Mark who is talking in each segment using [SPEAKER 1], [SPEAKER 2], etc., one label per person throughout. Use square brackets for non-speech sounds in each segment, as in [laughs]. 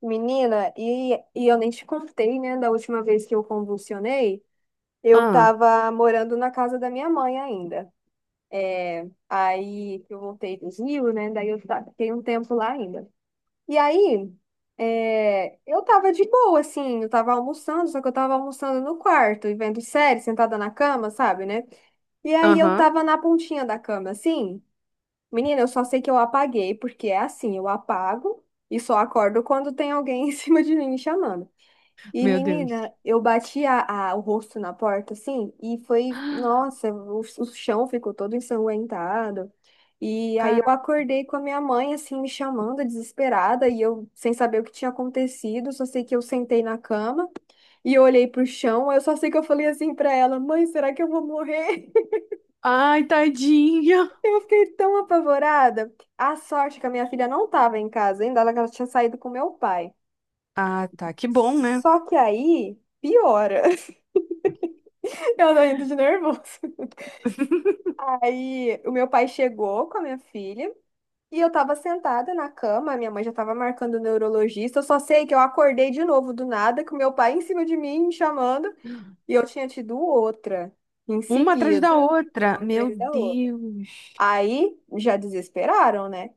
[SPEAKER 1] Menina, e eu nem te contei, né, da última vez que eu convulsionei, eu
[SPEAKER 2] Ah,
[SPEAKER 1] tava morando na casa da minha mãe ainda. É, aí que eu voltei do Rio, né, daí fiquei um tempo lá ainda. E aí, é, eu tava de boa, assim, eu tava almoçando, só que eu tava almoçando no quarto e vendo série, sentada na cama, sabe, né? E aí eu
[SPEAKER 2] aham.
[SPEAKER 1] tava na pontinha da cama, assim. Menina, eu só sei que eu apaguei, porque é assim, eu apago e só acordo quando tem alguém [laughs] em cima de mim me chamando. E,
[SPEAKER 2] Meu Deus.
[SPEAKER 1] menina, eu bati o rosto na porta, assim, e foi, nossa, o chão ficou todo ensanguentado. E aí eu
[SPEAKER 2] Caramba.
[SPEAKER 1] acordei com a minha mãe, assim, me chamando, desesperada, e eu sem saber o que tinha acontecido, só sei que eu sentei na cama e olhei pro chão, eu só sei que eu falei assim pra ela, mãe, será que eu vou morrer? [laughs]
[SPEAKER 2] Ai, tadinha.
[SPEAKER 1] Eu fiquei tão apavorada. A sorte é que a minha filha não tava em casa ainda, ela tinha saído com meu pai.
[SPEAKER 2] Ah, tá. Que bom, né?
[SPEAKER 1] Só que aí, piora. [laughs] Eu tô indo de nervoso.
[SPEAKER 2] [laughs]
[SPEAKER 1] Aí o meu pai chegou com a minha filha e eu tava sentada na cama, a minha mãe já tava marcando o neurologista. Eu só sei que eu acordei de novo do nada, com o meu pai em cima de mim, me chamando, e eu tinha tido outra em
[SPEAKER 2] Uma atrás da
[SPEAKER 1] seguida,
[SPEAKER 2] outra.
[SPEAKER 1] uma
[SPEAKER 2] Meu
[SPEAKER 1] atrás da outra.
[SPEAKER 2] Deus.
[SPEAKER 1] Aí já desesperaram, né?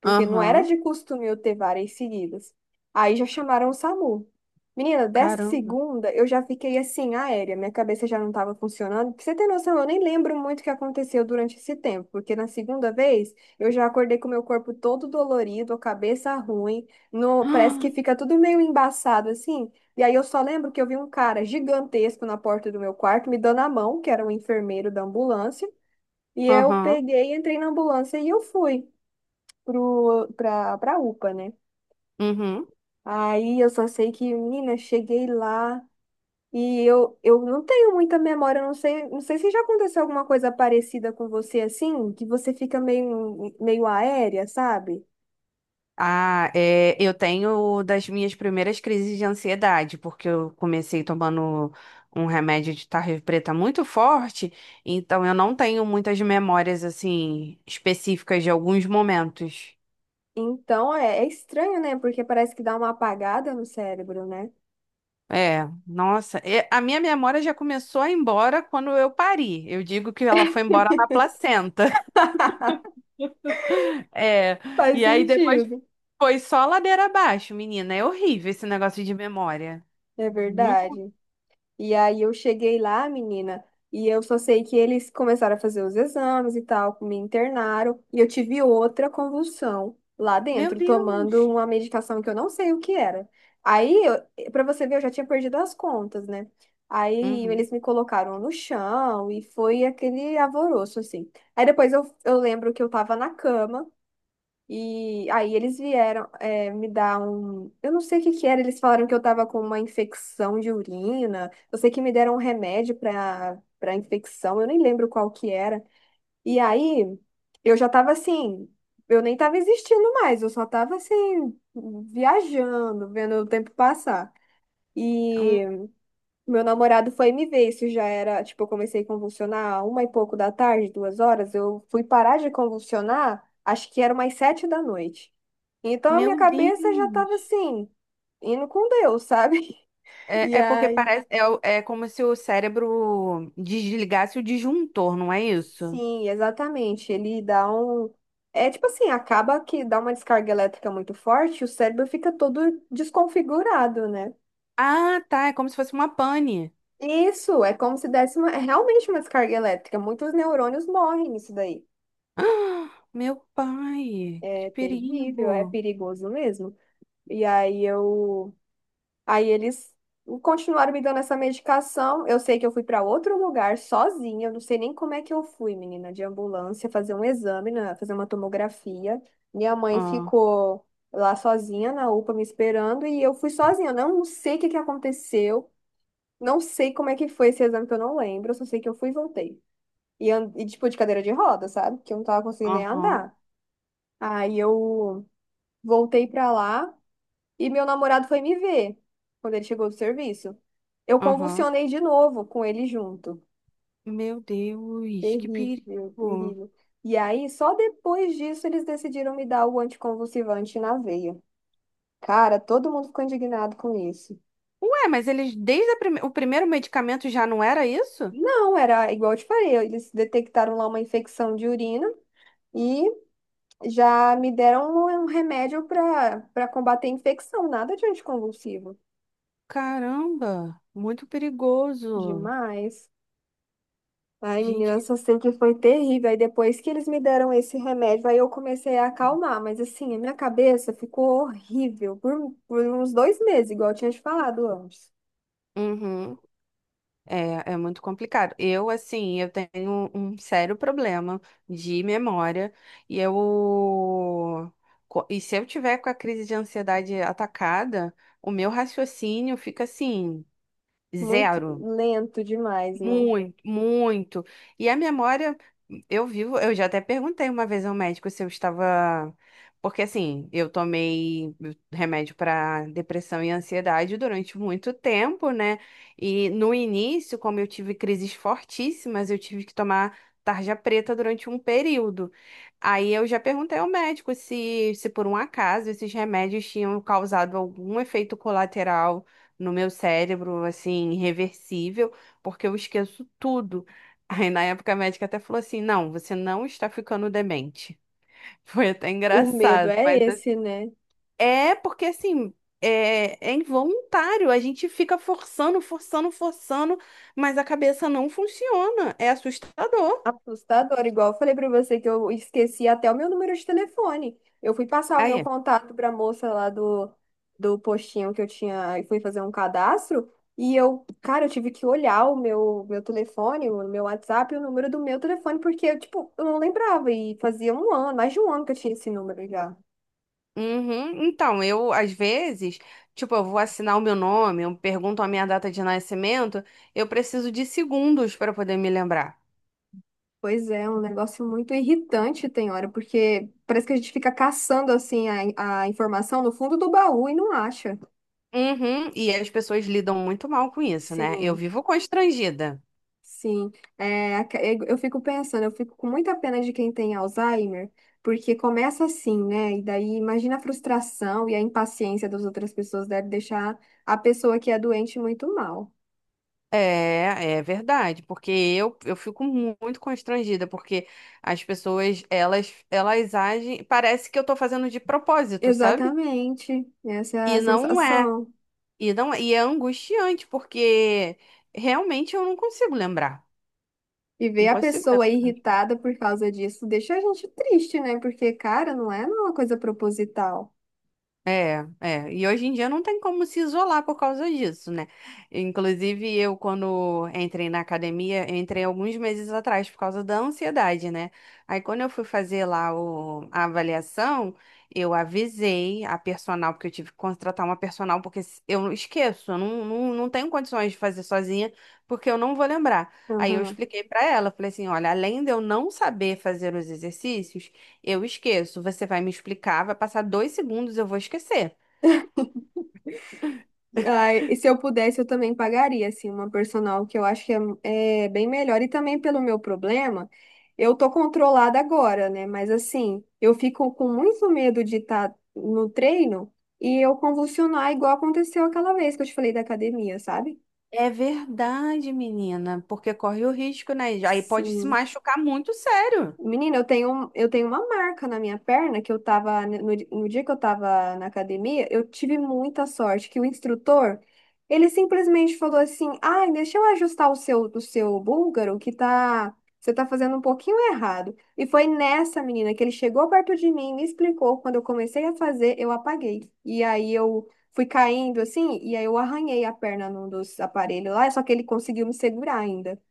[SPEAKER 1] Porque não era
[SPEAKER 2] Aham.
[SPEAKER 1] de costume eu ter várias seguidas. Aí já chamaram o SAMU. Menina, dessa
[SPEAKER 2] Caramba.
[SPEAKER 1] segunda eu já fiquei assim, aérea, minha cabeça já não estava funcionando. Pra você ter noção, eu nem lembro muito o que aconteceu durante esse tempo, porque na segunda vez eu já acordei com o meu corpo todo dolorido, a cabeça ruim, no, parece que
[SPEAKER 2] [gasps]
[SPEAKER 1] fica tudo meio embaçado assim. E aí eu só lembro que eu vi um cara gigantesco na porta do meu quarto me dando a mão, que era um enfermeiro da ambulância, e eu
[SPEAKER 2] Aham.
[SPEAKER 1] peguei, entrei na ambulância e eu fui pra UPA, né?
[SPEAKER 2] Uhum.
[SPEAKER 1] Aí eu só sei que, menina, cheguei lá e eu não tenho muita memória, eu não sei, não sei se já aconteceu alguma coisa parecida com você assim, que você fica meio aérea, sabe?
[SPEAKER 2] Ah, é, eu tenho das minhas primeiras crises de ansiedade, porque eu comecei tomando um remédio de tarja preta muito forte, então eu não tenho muitas memórias assim específicas de alguns momentos.
[SPEAKER 1] Então é, é estranho, né? Porque parece que dá uma apagada no cérebro, né?
[SPEAKER 2] É, nossa, é, a minha memória já começou a ir embora quando eu pari. Eu digo que ela foi embora na placenta. [laughs]
[SPEAKER 1] [laughs]
[SPEAKER 2] É,
[SPEAKER 1] Faz
[SPEAKER 2] e aí depois
[SPEAKER 1] sentido.
[SPEAKER 2] foi só ladeira abaixo, menina. É horrível esse negócio de memória.
[SPEAKER 1] É
[SPEAKER 2] Muito.
[SPEAKER 1] verdade. E aí eu cheguei lá, menina, e eu só sei que eles começaram a fazer os exames e tal, me internaram, e eu tive outra convulsão lá
[SPEAKER 2] Meu
[SPEAKER 1] dentro,
[SPEAKER 2] Deus!
[SPEAKER 1] tomando uma medicação que eu não sei o que era. Aí, pra você ver, eu já tinha perdido as contas, né? Aí
[SPEAKER 2] Uhum.
[SPEAKER 1] eles me colocaram no chão e foi aquele alvoroço, assim. Aí depois eu lembro que eu tava na cama. E aí eles vieram é, me dar um. Eu não sei o que que era, eles falaram que eu tava com uma infecção de urina. Eu sei que me deram um remédio para infecção, eu nem lembro qual que era. E aí eu já tava assim, eu nem tava existindo mais, eu só tava assim, viajando, vendo o tempo passar.
[SPEAKER 2] Hum,
[SPEAKER 1] E meu namorado foi me ver, isso já era, tipo, eu comecei a convulsionar a uma e pouco da tarde, duas horas, eu fui parar de convulsionar, acho que era umas sete da noite. Então a minha
[SPEAKER 2] Meu
[SPEAKER 1] cabeça já tava
[SPEAKER 2] Deus!
[SPEAKER 1] assim, indo com Deus, sabe? [laughs] E
[SPEAKER 2] É, é porque
[SPEAKER 1] aí,
[SPEAKER 2] parece. É, é como se o cérebro desligasse o disjuntor, não é isso?
[SPEAKER 1] sim, exatamente, ele dá um. É tipo assim, acaba que dá uma descarga elétrica muito forte, o cérebro fica todo desconfigurado, né?
[SPEAKER 2] Ah, tá. É como se fosse uma pane. [gasps]
[SPEAKER 1] Isso, é como se desse uma, é realmente uma descarga elétrica. Muitos neurônios morrem nisso daí.
[SPEAKER 2] Ah, meu pai,
[SPEAKER 1] É
[SPEAKER 2] que
[SPEAKER 1] terrível, é
[SPEAKER 2] perigo!
[SPEAKER 1] perigoso mesmo. E aí eu, aí eles continuaram me dando essa medicação. Eu sei que eu fui para outro lugar sozinha, eu não sei nem como é que eu fui, menina, de ambulância, fazer um exame, né, fazer uma tomografia. Minha mãe
[SPEAKER 2] Ah.
[SPEAKER 1] ficou lá sozinha na UPA me esperando e eu fui sozinha. Eu não sei o que que aconteceu, não sei como é que foi esse exame que eu não lembro, eu só sei que eu fui e voltei. E, e tipo de cadeira de roda, sabe? Que eu não tava conseguindo nem
[SPEAKER 2] Aham,
[SPEAKER 1] andar. Aí eu voltei pra lá e meu namorado foi me ver quando ele chegou do serviço. Eu
[SPEAKER 2] aham.
[SPEAKER 1] convulsionei de novo com ele junto.
[SPEAKER 2] Meu Deus, que perigo.
[SPEAKER 1] Terrível, terrível. E aí, só depois disso, eles decidiram me dar o anticonvulsivante na veia. Cara, todo mundo ficou indignado com isso.
[SPEAKER 2] Ué, mas eles, desde a o primeiro medicamento já não era isso?
[SPEAKER 1] Não, era igual eu te falei, eles detectaram lá uma infecção de urina e já me deram um remédio para combater a infecção, nada de anticonvulsivo.
[SPEAKER 2] Caramba, muito perigoso.
[SPEAKER 1] Demais. Ai, menina,
[SPEAKER 2] Gente,
[SPEAKER 1] eu
[SPEAKER 2] que...
[SPEAKER 1] só sei que foi terrível. Aí depois que eles me deram esse remédio, aí eu comecei a acalmar. Mas assim, a minha cabeça ficou horrível por uns dois meses, igual eu tinha te falado antes.
[SPEAKER 2] Uhum. É, é muito complicado. Eu, assim, eu tenho um sério problema de memória e eu... E se eu tiver com a crise de ansiedade atacada, o meu raciocínio fica assim,
[SPEAKER 1] Muito
[SPEAKER 2] zero.
[SPEAKER 1] lento demais, né?
[SPEAKER 2] Muito, muito. E a memória, eu vivo, eu já até perguntei uma vez ao médico se eu estava. Porque assim, eu tomei remédio para depressão e ansiedade durante muito tempo, né? E no início, como eu tive crises fortíssimas, eu tive que tomar tarja preta durante um período. Aí eu já perguntei ao médico se, se por um acaso esses remédios tinham causado algum efeito colateral no meu cérebro, assim, irreversível porque eu esqueço tudo. [laughs] Aí na época a médica até falou assim: não, você não está ficando demente. [laughs] Foi até
[SPEAKER 1] O medo
[SPEAKER 2] engraçado,
[SPEAKER 1] é
[SPEAKER 2] mas assim,
[SPEAKER 1] esse, né?
[SPEAKER 2] é porque assim. É, é involuntário, a gente fica forçando, mas a cabeça não funciona. É assustador.
[SPEAKER 1] Assustador, igual eu falei pra você que eu esqueci até o meu número de telefone. Eu fui passar o meu
[SPEAKER 2] Aí,
[SPEAKER 1] contato pra moça lá do, do postinho que eu tinha e fui fazer um cadastro. E eu, cara, eu tive que olhar o meu telefone, o meu WhatsApp, e o número do meu telefone, porque eu, tipo, eu não lembrava. E fazia um ano, mais de um ano que eu tinha esse número já.
[SPEAKER 2] uhum. Então, eu, às vezes, tipo, eu vou assinar o meu nome, eu pergunto a minha data de nascimento, eu preciso de segundos para poder me lembrar.
[SPEAKER 1] Pois é, é um negócio muito irritante, tem hora, porque parece que a gente fica caçando, assim, a informação no fundo do baú e não acha.
[SPEAKER 2] Uhum, e as pessoas lidam muito mal com isso, né? Eu
[SPEAKER 1] Sim.
[SPEAKER 2] vivo constrangida.
[SPEAKER 1] Sim, é, eu fico pensando, eu fico com muita pena de quem tem Alzheimer, porque começa assim, né? E daí imagina a frustração e a impaciência das outras pessoas deve deixar a pessoa que é doente muito mal.
[SPEAKER 2] É, é verdade, porque eu fico muito constrangida, porque as pessoas, elas agem, parece que eu tô fazendo de propósito, sabe?
[SPEAKER 1] Exatamente, essa é a
[SPEAKER 2] E não é,
[SPEAKER 1] sensação.
[SPEAKER 2] e não é, e é angustiante, porque realmente eu não consigo lembrar,
[SPEAKER 1] E ver
[SPEAKER 2] não
[SPEAKER 1] a
[SPEAKER 2] consigo
[SPEAKER 1] pessoa
[SPEAKER 2] lembrar.
[SPEAKER 1] irritada por causa disso deixa a gente triste, né? Porque, cara, não é uma coisa proposital.
[SPEAKER 2] É, é. E hoje em dia não tem como se isolar por causa disso, né? Inclusive, eu, quando entrei na academia, eu entrei alguns meses atrás por causa da ansiedade, né? Aí, quando eu fui fazer lá a avaliação, eu avisei a personal, porque eu tive que contratar uma personal, porque eu não esqueço, eu não, não, não tenho condições de fazer sozinha, porque eu não vou lembrar. Aí, eu expliquei pra ela, falei assim: olha, além de eu não saber fazer os exercícios. Eu esqueço. Você vai me explicar, vai passar dois segundos, eu vou esquecer.
[SPEAKER 1] Ai, e se eu pudesse, eu também pagaria, assim, uma personal, que eu acho que é, é bem melhor. E também pelo meu problema, eu tô controlada agora, né? Mas assim, eu fico com muito medo de estar no treino e eu convulsionar igual aconteceu aquela vez que eu te falei da academia, sabe?
[SPEAKER 2] É verdade, menina, porque corre o risco, né? Aí pode se
[SPEAKER 1] Sim.
[SPEAKER 2] machucar muito sério.
[SPEAKER 1] Menina, eu tenho, eu tenho uma marca na minha perna que eu tava, né, no, no dia que eu tava na academia, eu tive muita sorte que o instrutor, ele simplesmente falou assim, ai, deixa eu ajustar o seu búlgaro que tá, você tá fazendo um pouquinho errado. E foi nessa menina que ele chegou perto de mim, me explicou, quando eu comecei a fazer, eu apaguei. E aí eu fui caindo assim, e aí eu arranhei a perna num dos aparelhos lá, só que ele conseguiu me segurar ainda.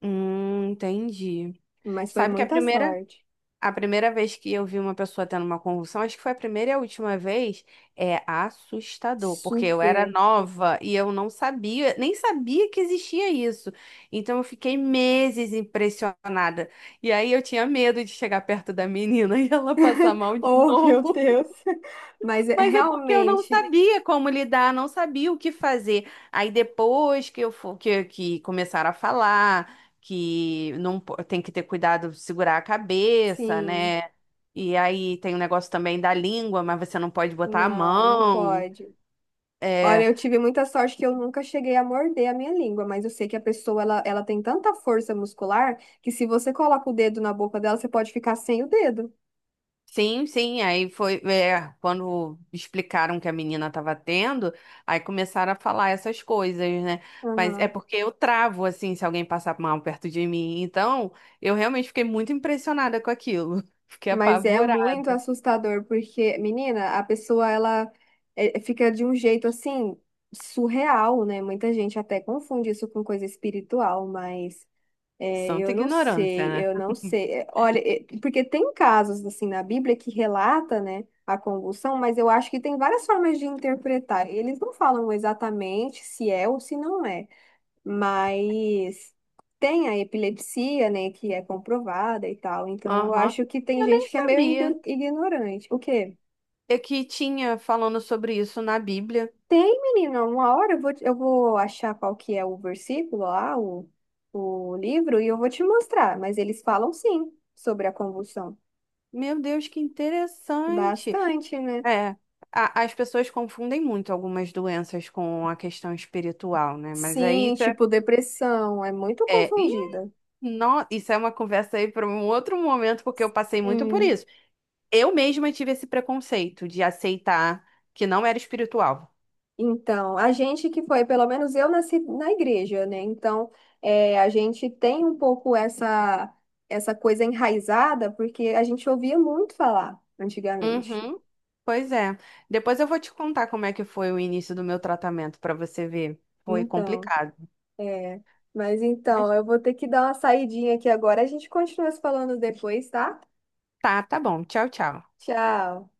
[SPEAKER 2] Entendi.
[SPEAKER 1] Mas foi
[SPEAKER 2] Sabe que a
[SPEAKER 1] muita
[SPEAKER 2] primeira.
[SPEAKER 1] sorte.
[SPEAKER 2] A primeira vez que eu vi uma pessoa tendo uma convulsão, acho que foi a primeira e a última vez, é assustador, porque eu era
[SPEAKER 1] Super.
[SPEAKER 2] nova e eu não sabia, nem sabia que existia isso. Então eu fiquei meses impressionada. E aí eu tinha medo de chegar perto da menina [laughs] e ela passar
[SPEAKER 1] [laughs]
[SPEAKER 2] mal de
[SPEAKER 1] Oh, meu
[SPEAKER 2] novo.
[SPEAKER 1] Deus. Mas
[SPEAKER 2] Mas é porque eu não
[SPEAKER 1] realmente,
[SPEAKER 2] sabia como lidar, não sabia o que fazer. Aí depois que eu for, que começaram a falar que não tem que ter cuidado, segurar a cabeça,
[SPEAKER 1] sim,
[SPEAKER 2] né? E aí tem o negócio também da língua, mas você não pode botar a
[SPEAKER 1] não, não
[SPEAKER 2] mão.
[SPEAKER 1] pode. Olha,
[SPEAKER 2] É,
[SPEAKER 1] eu tive muita sorte que eu nunca cheguei a morder a minha língua, mas eu sei que a pessoa ela tem tanta força muscular que se você coloca o dedo na boca dela, você pode ficar sem o dedo.
[SPEAKER 2] sim, sim, aí foi, é, quando explicaram que a menina estava tendo, aí começaram a falar essas coisas, né? Mas é
[SPEAKER 1] Aham.
[SPEAKER 2] porque eu travo, assim, se alguém passar mal perto de mim. Então, eu realmente fiquei muito impressionada com aquilo. [laughs] Fiquei
[SPEAKER 1] Mas é
[SPEAKER 2] apavorada.
[SPEAKER 1] muito assustador porque, menina, a pessoa ela é, fica de um jeito assim surreal, né? Muita gente até confunde isso com coisa espiritual, mas é,
[SPEAKER 2] Santa
[SPEAKER 1] eu não sei,
[SPEAKER 2] ignorância,
[SPEAKER 1] eu
[SPEAKER 2] né?
[SPEAKER 1] não sei. É, olha, é, porque tem casos assim na Bíblia que relata, né, a convulsão, mas eu acho que tem várias formas de interpretar. Eles não falam exatamente se é ou se não é, mas tem a epilepsia, né, que é comprovada e tal. Então eu
[SPEAKER 2] Aham.
[SPEAKER 1] acho que tem
[SPEAKER 2] Eu nem
[SPEAKER 1] gente que é meio
[SPEAKER 2] sabia.
[SPEAKER 1] ignorante. O quê?
[SPEAKER 2] É que tinha falando sobre isso na Bíblia.
[SPEAKER 1] Tem, menina, uma hora eu vou, eu vou achar qual que é o versículo lá, o livro, e eu vou te mostrar. Mas eles falam sim sobre a convulsão.
[SPEAKER 2] Meu Deus, que interessante.
[SPEAKER 1] Bastante, né?
[SPEAKER 2] É. As pessoas confundem muito algumas doenças com a questão espiritual, né? Mas aí
[SPEAKER 1] Sim, tipo depressão, é muito
[SPEAKER 2] é, e
[SPEAKER 1] confundida.
[SPEAKER 2] isso é uma conversa aí para um outro momento, porque eu passei muito por
[SPEAKER 1] Hum,
[SPEAKER 2] isso. Eu mesma tive esse preconceito de aceitar que não era espiritual.
[SPEAKER 1] Então, a gente que foi, pelo menos eu nasci na igreja, né? Então, é, a gente tem um pouco essa, essa coisa enraizada, porque a gente ouvia muito falar antigamente.
[SPEAKER 2] Uhum. Pois é. Depois eu vou te contar como é que foi o início do meu tratamento para você ver. Foi
[SPEAKER 1] Então.
[SPEAKER 2] complicado.
[SPEAKER 1] É, mas então,
[SPEAKER 2] Mas
[SPEAKER 1] eu vou ter que dar uma saidinha aqui agora. A gente continua se falando depois, tá?
[SPEAKER 2] tá, tá bom. Tchau, tchau.
[SPEAKER 1] Tchau.